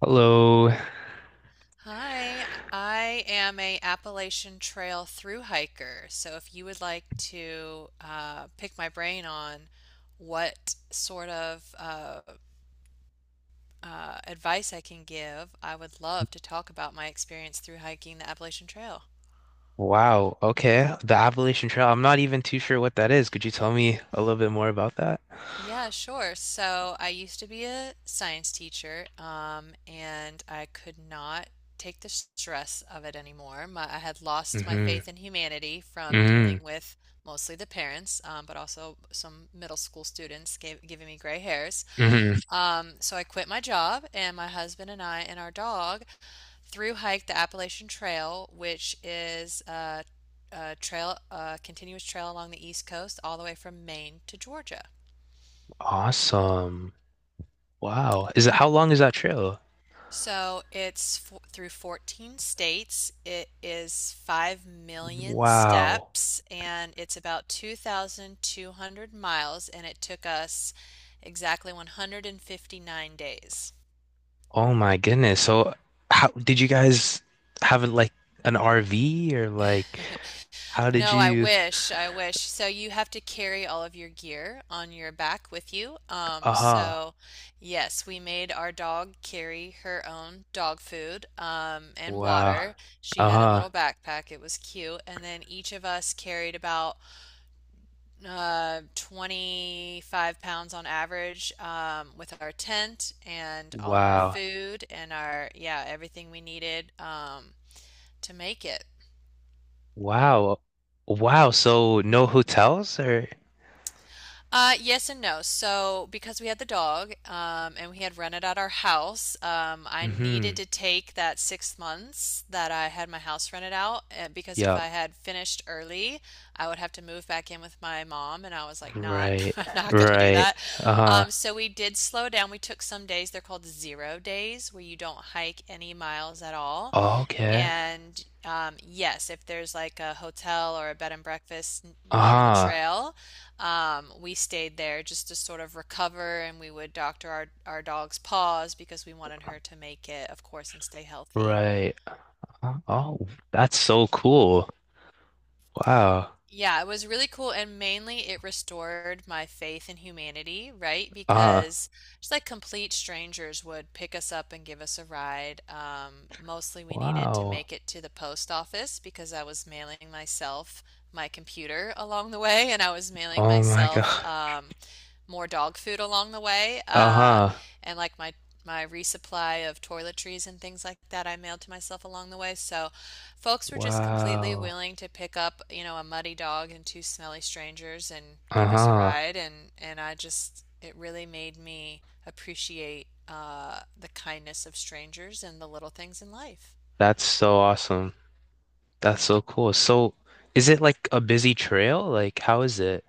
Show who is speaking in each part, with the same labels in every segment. Speaker 1: Hello.
Speaker 2: Hi, I am a Appalachian Trail through hiker. So if you would like to pick my brain on what sort of advice I can give, I would love to talk about my experience through hiking the Appalachian Trail.
Speaker 1: Wow. Okay. The Appalachian Trail. I'm not even too sure what that is. Could you tell me a little bit more about that?
Speaker 2: Yeah, sure. So I used to be a science teacher, and I could not take the stress of it anymore. I had lost my
Speaker 1: Hmm.
Speaker 2: faith in humanity from
Speaker 1: Hmm.
Speaker 2: dealing with mostly the parents, but also some middle school students giving me gray hairs.
Speaker 1: Hmm.
Speaker 2: So I quit my job, and my husband and I and our dog through hiked the Appalachian Trail, which is a trail, a continuous trail along the East Coast, all the way from Maine to Georgia.
Speaker 1: Awesome. Wow. Is it How long is that trail?
Speaker 2: So it's fo through 14 states. It is 5 million
Speaker 1: Wow.
Speaker 2: steps and it's about 2,200 miles, and it took us exactly 159 days.
Speaker 1: Oh my goodness. So how did you guys have like an RV, or like, how did
Speaker 2: No, I
Speaker 1: you?
Speaker 2: wish. I wish. So you have to carry all of your gear on your back with you. Um,
Speaker 1: Uh-huh.
Speaker 2: so yes, we made our dog carry her own dog food, and water.
Speaker 1: Wow.
Speaker 2: She had a little
Speaker 1: Uh-huh.
Speaker 2: backpack. It was cute. And then each of us carried about 25 pounds on average, with our tent and all of our
Speaker 1: Wow.
Speaker 2: food and our, yeah, everything we needed, to make it.
Speaker 1: Wow. Wow. So no hotels or?
Speaker 2: Yes and no. So, because we had the dog, and we had rented out our house, I needed
Speaker 1: Hmm.
Speaker 2: to take that 6 months that I had my house rented out because if
Speaker 1: Yeah.
Speaker 2: I had finished early, I would have to move back in with my mom, and I was like, not,
Speaker 1: Right,
Speaker 2: I'm not gonna do
Speaker 1: right.
Speaker 2: that.
Speaker 1: Uh,
Speaker 2: So we did slow down. We took some days. They're called 0 days, where you don't hike any miles at all.
Speaker 1: okay.
Speaker 2: And Yes, if there's like a hotel or a bed and breakfast near the
Speaker 1: Uh,
Speaker 2: trail, we stayed there just to sort of recover and we would doctor our dog's paws because we wanted her to make it, of course, and stay healthy.
Speaker 1: right. Oh, that's so cool. Wow.
Speaker 2: Yeah, it was really cool, and mainly it restored my faith in humanity, right?
Speaker 1: Uh,
Speaker 2: Because just like complete strangers would pick us up and give us a ride. Mostly we needed to
Speaker 1: wow.
Speaker 2: make it to the post office because I was mailing myself my computer along the way, and I was mailing
Speaker 1: Oh my
Speaker 2: myself
Speaker 1: God.
Speaker 2: more dog food along the way.
Speaker 1: Uh-huh.
Speaker 2: And like my resupply of toiletries and things like that I mailed to myself along the way. So folks were just completely
Speaker 1: Wow.
Speaker 2: willing to pick up, a muddy dog and two smelly strangers and give us a
Speaker 1: Uh-huh.
Speaker 2: ride, and I just, it really made me appreciate the kindness of strangers and the little things in life.
Speaker 1: That's so awesome. That's so cool. So, is it like a busy trail? Like, how is it?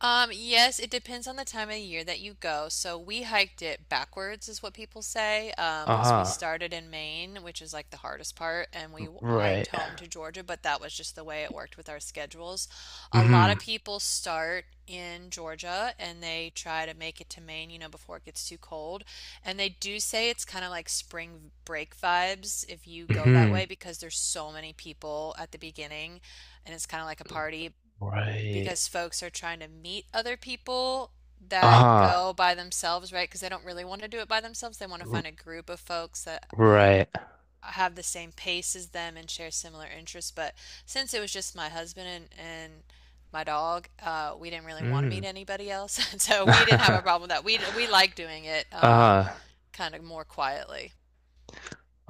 Speaker 2: Yes, it depends on the time of year that you go. So we hiked it backwards, is what people say, because we
Speaker 1: Uh-huh.
Speaker 2: started in Maine, which is like the hardest part, and we
Speaker 1: Right.
Speaker 2: hiked home to Georgia, but that was just the way it worked with our schedules. A lot
Speaker 1: Mm-hmm.
Speaker 2: of people start in Georgia and they try to make it to Maine, you know, before it gets too cold. And they do say it's kind of like spring break vibes if you go that
Speaker 1: Mm-hmm.
Speaker 2: way because there's so many people at the beginning and it's kind of like a party
Speaker 1: Right.
Speaker 2: because folks are trying to meet other people that
Speaker 1: Uh-huh.
Speaker 2: go by themselves, right? Because they don't really want to do it by themselves. They want to
Speaker 1: R-
Speaker 2: find a group of folks that
Speaker 1: right.
Speaker 2: have the same pace as them and share similar interests. But since it was just my husband and my dog, we didn't really want to
Speaker 1: Mm.
Speaker 2: meet anybody else. So we didn't have a problem with that. We like doing it
Speaker 1: Uh-huh.
Speaker 2: kind of more quietly.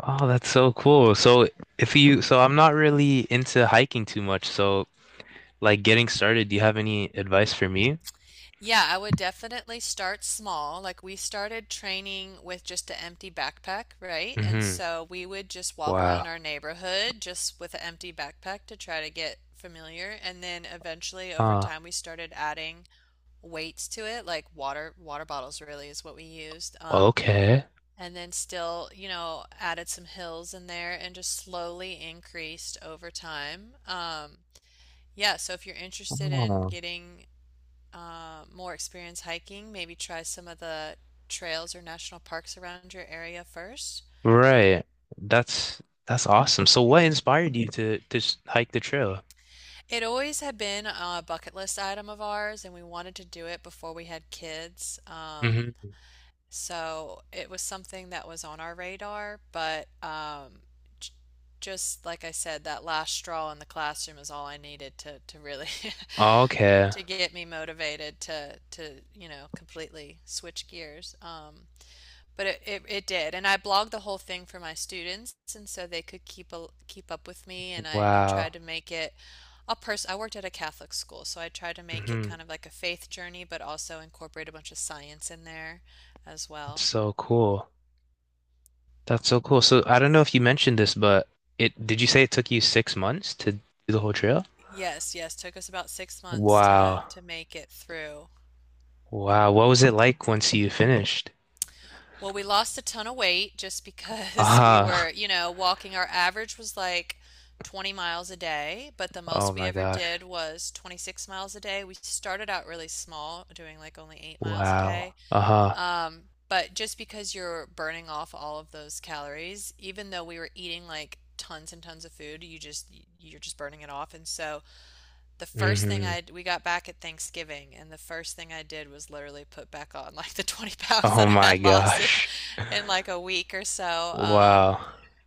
Speaker 1: Oh, that's so cool. So if you, so I'm not really into hiking too much. So like getting started, do you have any advice for me?
Speaker 2: Yeah, I would definitely start small. Like we started training with just an empty backpack, right? And
Speaker 1: Mm-hmm.
Speaker 2: so we would just walk around
Speaker 1: Wow.
Speaker 2: our neighborhood just with an empty backpack to try to get familiar. And then eventually over
Speaker 1: Uh,
Speaker 2: time we started adding weights to it, like water bottles really is what we used.
Speaker 1: okay.
Speaker 2: And then still, you know, added some hills in there and just slowly increased over time. Yeah, so if you're interested in
Speaker 1: Oh,
Speaker 2: getting more experience hiking, maybe try some of the trails or national parks around your area first.
Speaker 1: right. That's that's awesome. So what inspired you to hike the trail?
Speaker 2: It always had been a bucket list item of ours, and we wanted to do it before we had kids.
Speaker 1: Mm-hmm.
Speaker 2: So it was something that was on our radar, but j- just like I said, that last straw in the classroom is all I needed to really
Speaker 1: Okay.
Speaker 2: to get me motivated to, you know, completely switch gears. But it did, and I blogged the whole thing for my students and so they could keep keep up with me, and I tried
Speaker 1: Wow.
Speaker 2: to make it a person, I worked at a Catholic school, so I tried to make it
Speaker 1: Mm-hmm.
Speaker 2: kind of like a faith journey but also incorporate a bunch of science in there as
Speaker 1: That's
Speaker 2: well.
Speaker 1: so cool. That's so cool. So I don't know if you mentioned this, but it did you say it took you 6 months to do the whole trail?
Speaker 2: Yes, took us about 6 months
Speaker 1: Wow.
Speaker 2: to make it through.
Speaker 1: Wow, what was it like once you finished?
Speaker 2: Well, we lost a ton of weight just because we
Speaker 1: Uh-huh.
Speaker 2: were, you know, walking. Our average was like 20 miles a day, but the
Speaker 1: Oh
Speaker 2: most we
Speaker 1: my
Speaker 2: ever
Speaker 1: gosh.
Speaker 2: did was 26 miles a day. We started out really small, doing like only 8 miles a
Speaker 1: Wow.
Speaker 2: day.
Speaker 1: Uh-huh.
Speaker 2: But just because you're burning off all of those calories, even though we were eating like tons and tons of food, you just, you're just burning it off. And so, the first thing
Speaker 1: Hmm.
Speaker 2: I we got back at Thanksgiving, and the first thing I did was literally put back on like the 20 pounds
Speaker 1: Oh
Speaker 2: that I
Speaker 1: my
Speaker 2: had lost
Speaker 1: gosh.
Speaker 2: in like a week or so.
Speaker 1: Wow.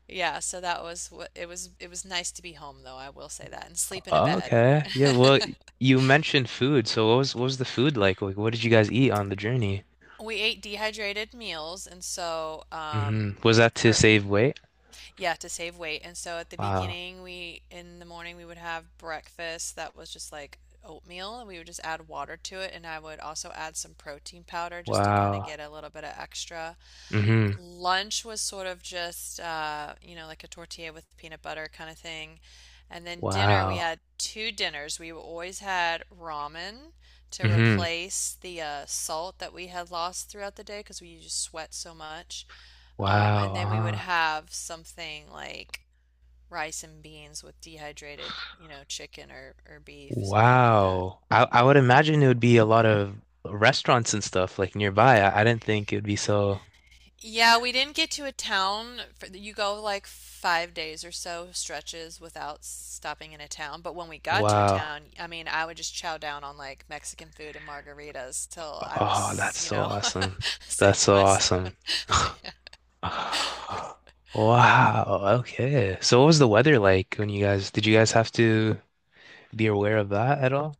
Speaker 2: Yeah, so that was what it was. It was nice to be home though, I will say that, and sleep in a bed.
Speaker 1: Okay. Yeah, well, you mentioned food, so what was the food like? Like, what did you guys eat on the journey?
Speaker 2: We ate dehydrated meals, and so
Speaker 1: Hmm. Was that to
Speaker 2: for
Speaker 1: save weight?
Speaker 2: yeah, to save weight. And so at the
Speaker 1: Wow.
Speaker 2: beginning, we in the morning we would have breakfast that was just like oatmeal, and we would just add water to it, and I would also add some protein powder just to kind of
Speaker 1: Wow.
Speaker 2: get a little bit of extra.
Speaker 1: Hmm.
Speaker 2: Lunch was sort of just you know, like a tortilla with peanut butter kind of thing. And then dinner, we
Speaker 1: Wow.
Speaker 2: had two dinners. We always had ramen to
Speaker 1: Hmm.
Speaker 2: replace the salt that we had lost throughout the day because we just sweat so much.
Speaker 1: Wow.
Speaker 2: And then we would
Speaker 1: Uh-huh.
Speaker 2: have something like rice and beans with dehydrated, you know, chicken or beef, something like that.
Speaker 1: Wow. I
Speaker 2: Yeah.
Speaker 1: would imagine it would be a lot of restaurants and stuff like nearby. I didn't think it would be so.
Speaker 2: Yeah, we didn't get to a town for, you go like 5 days or so stretches without stopping in a town. But when we got to a
Speaker 1: Wow.
Speaker 2: town, I mean, I would just chow down on like Mexican food and margaritas till I
Speaker 1: Oh,
Speaker 2: was,
Speaker 1: that's
Speaker 2: you
Speaker 1: so
Speaker 2: know,
Speaker 1: awesome. That's
Speaker 2: sick to
Speaker 1: so
Speaker 2: my stomach.
Speaker 1: awesome. Wow. Okay. So what was the weather like when you guys did you guys have to be aware of that at all?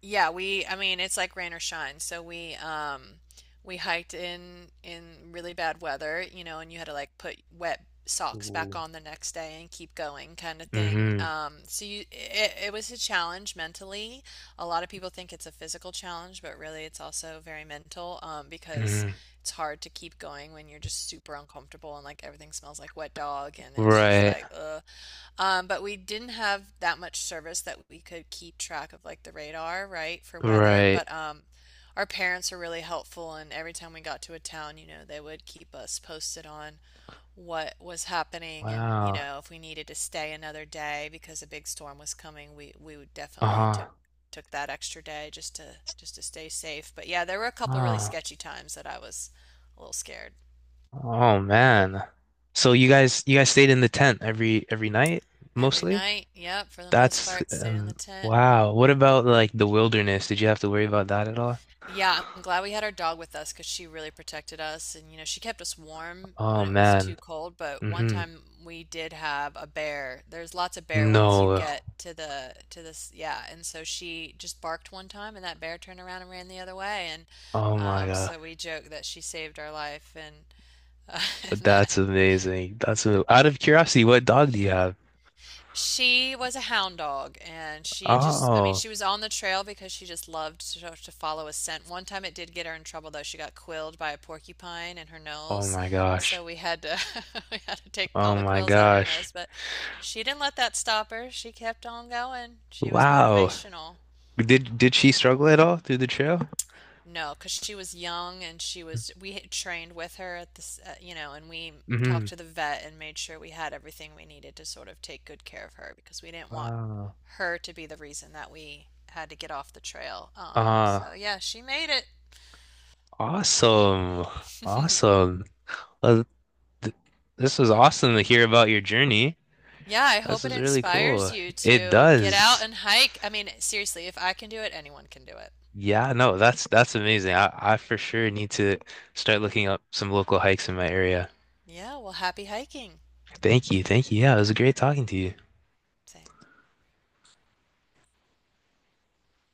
Speaker 2: Yeah, I mean, it's like rain or shine. So we hiked in really bad weather, you know, and you had to like put wet socks back
Speaker 1: Ooh.
Speaker 2: on the next day and keep going kind of thing.
Speaker 1: Mm-hmm.
Speaker 2: So you, it was a challenge mentally. A lot of people think it's a physical challenge, but really it's also very mental because
Speaker 1: Mm-hmm.
Speaker 2: it's hard to keep going when you're just super uncomfortable and like everything smells like wet dog and it's just
Speaker 1: Right.
Speaker 2: like But we didn't have that much service that we could keep track of like the radar, right, for weather.
Speaker 1: Right.
Speaker 2: But our parents were really helpful, and every time we got to a town, you know, they would keep us posted on what was happening, and you
Speaker 1: Wow.
Speaker 2: know, if we needed to stay another day because a big storm was coming, we would definitely
Speaker 1: Uh-huh.
Speaker 2: took that extra day just to stay safe. But yeah, there were a couple really
Speaker 1: Wow.
Speaker 2: sketchy times that I was a little scared.
Speaker 1: Oh man. So you guys stayed in the tent every night,
Speaker 2: Every
Speaker 1: mostly?
Speaker 2: night, yep, for the most
Speaker 1: That's
Speaker 2: part, stayed in the tent.
Speaker 1: wow. What about like the wilderness? Did you have to worry about that at all?
Speaker 2: Yeah, I'm glad we had our dog with us because she really protected us. And, you know, she kept us warm
Speaker 1: Oh
Speaker 2: when it was
Speaker 1: man.
Speaker 2: too cold. But one
Speaker 1: Mhm.
Speaker 2: time we did have a bear. There's lots of bear once you
Speaker 1: No.
Speaker 2: get to to this. Yeah. And so she just barked one time and that bear turned around and ran the other way. And
Speaker 1: Oh my God.
Speaker 2: So we joke that she saved our life. Uh, and that,
Speaker 1: That's amazing. Out of curiosity, what dog do you have?
Speaker 2: She was a hound dog, and she just, I mean,
Speaker 1: Oh.
Speaker 2: she was on the trail because she just loved to follow a scent. One time it did get her in trouble, though. She got quilled by a porcupine in her
Speaker 1: Oh
Speaker 2: nose.
Speaker 1: my
Speaker 2: So
Speaker 1: gosh.
Speaker 2: we had to we had to take
Speaker 1: Oh
Speaker 2: all the
Speaker 1: my
Speaker 2: quills out of her
Speaker 1: gosh.
Speaker 2: nose, but she didn't let that stop her. She kept on going. She was
Speaker 1: Wow.
Speaker 2: motivational.
Speaker 1: Did she struggle at all through the trail?
Speaker 2: No, because she was young and she was, we had trained with her at this, you know, and we
Speaker 1: Mm-hmm.
Speaker 2: talked to the vet and made sure we had everything we needed to sort of take good care of her because we didn't want
Speaker 1: Wow.
Speaker 2: her to be the reason that we had to get off the trail.
Speaker 1: Uh,
Speaker 2: So yeah, she made it.
Speaker 1: awesome. Awesome. Well, th this was awesome to hear about your journey.
Speaker 2: Yeah, I
Speaker 1: This
Speaker 2: hope it
Speaker 1: is really
Speaker 2: inspires
Speaker 1: cool.
Speaker 2: you
Speaker 1: It
Speaker 2: to get out
Speaker 1: does.
Speaker 2: and hike. I mean, seriously, if I can do it, anyone can do it.
Speaker 1: Yeah, no, that's amazing. I for sure need to start looking up some local hikes in my area.
Speaker 2: Yeah, well, happy hiking.
Speaker 1: Thank you. Thank you. Yeah, it was great talking to you.
Speaker 2: Same.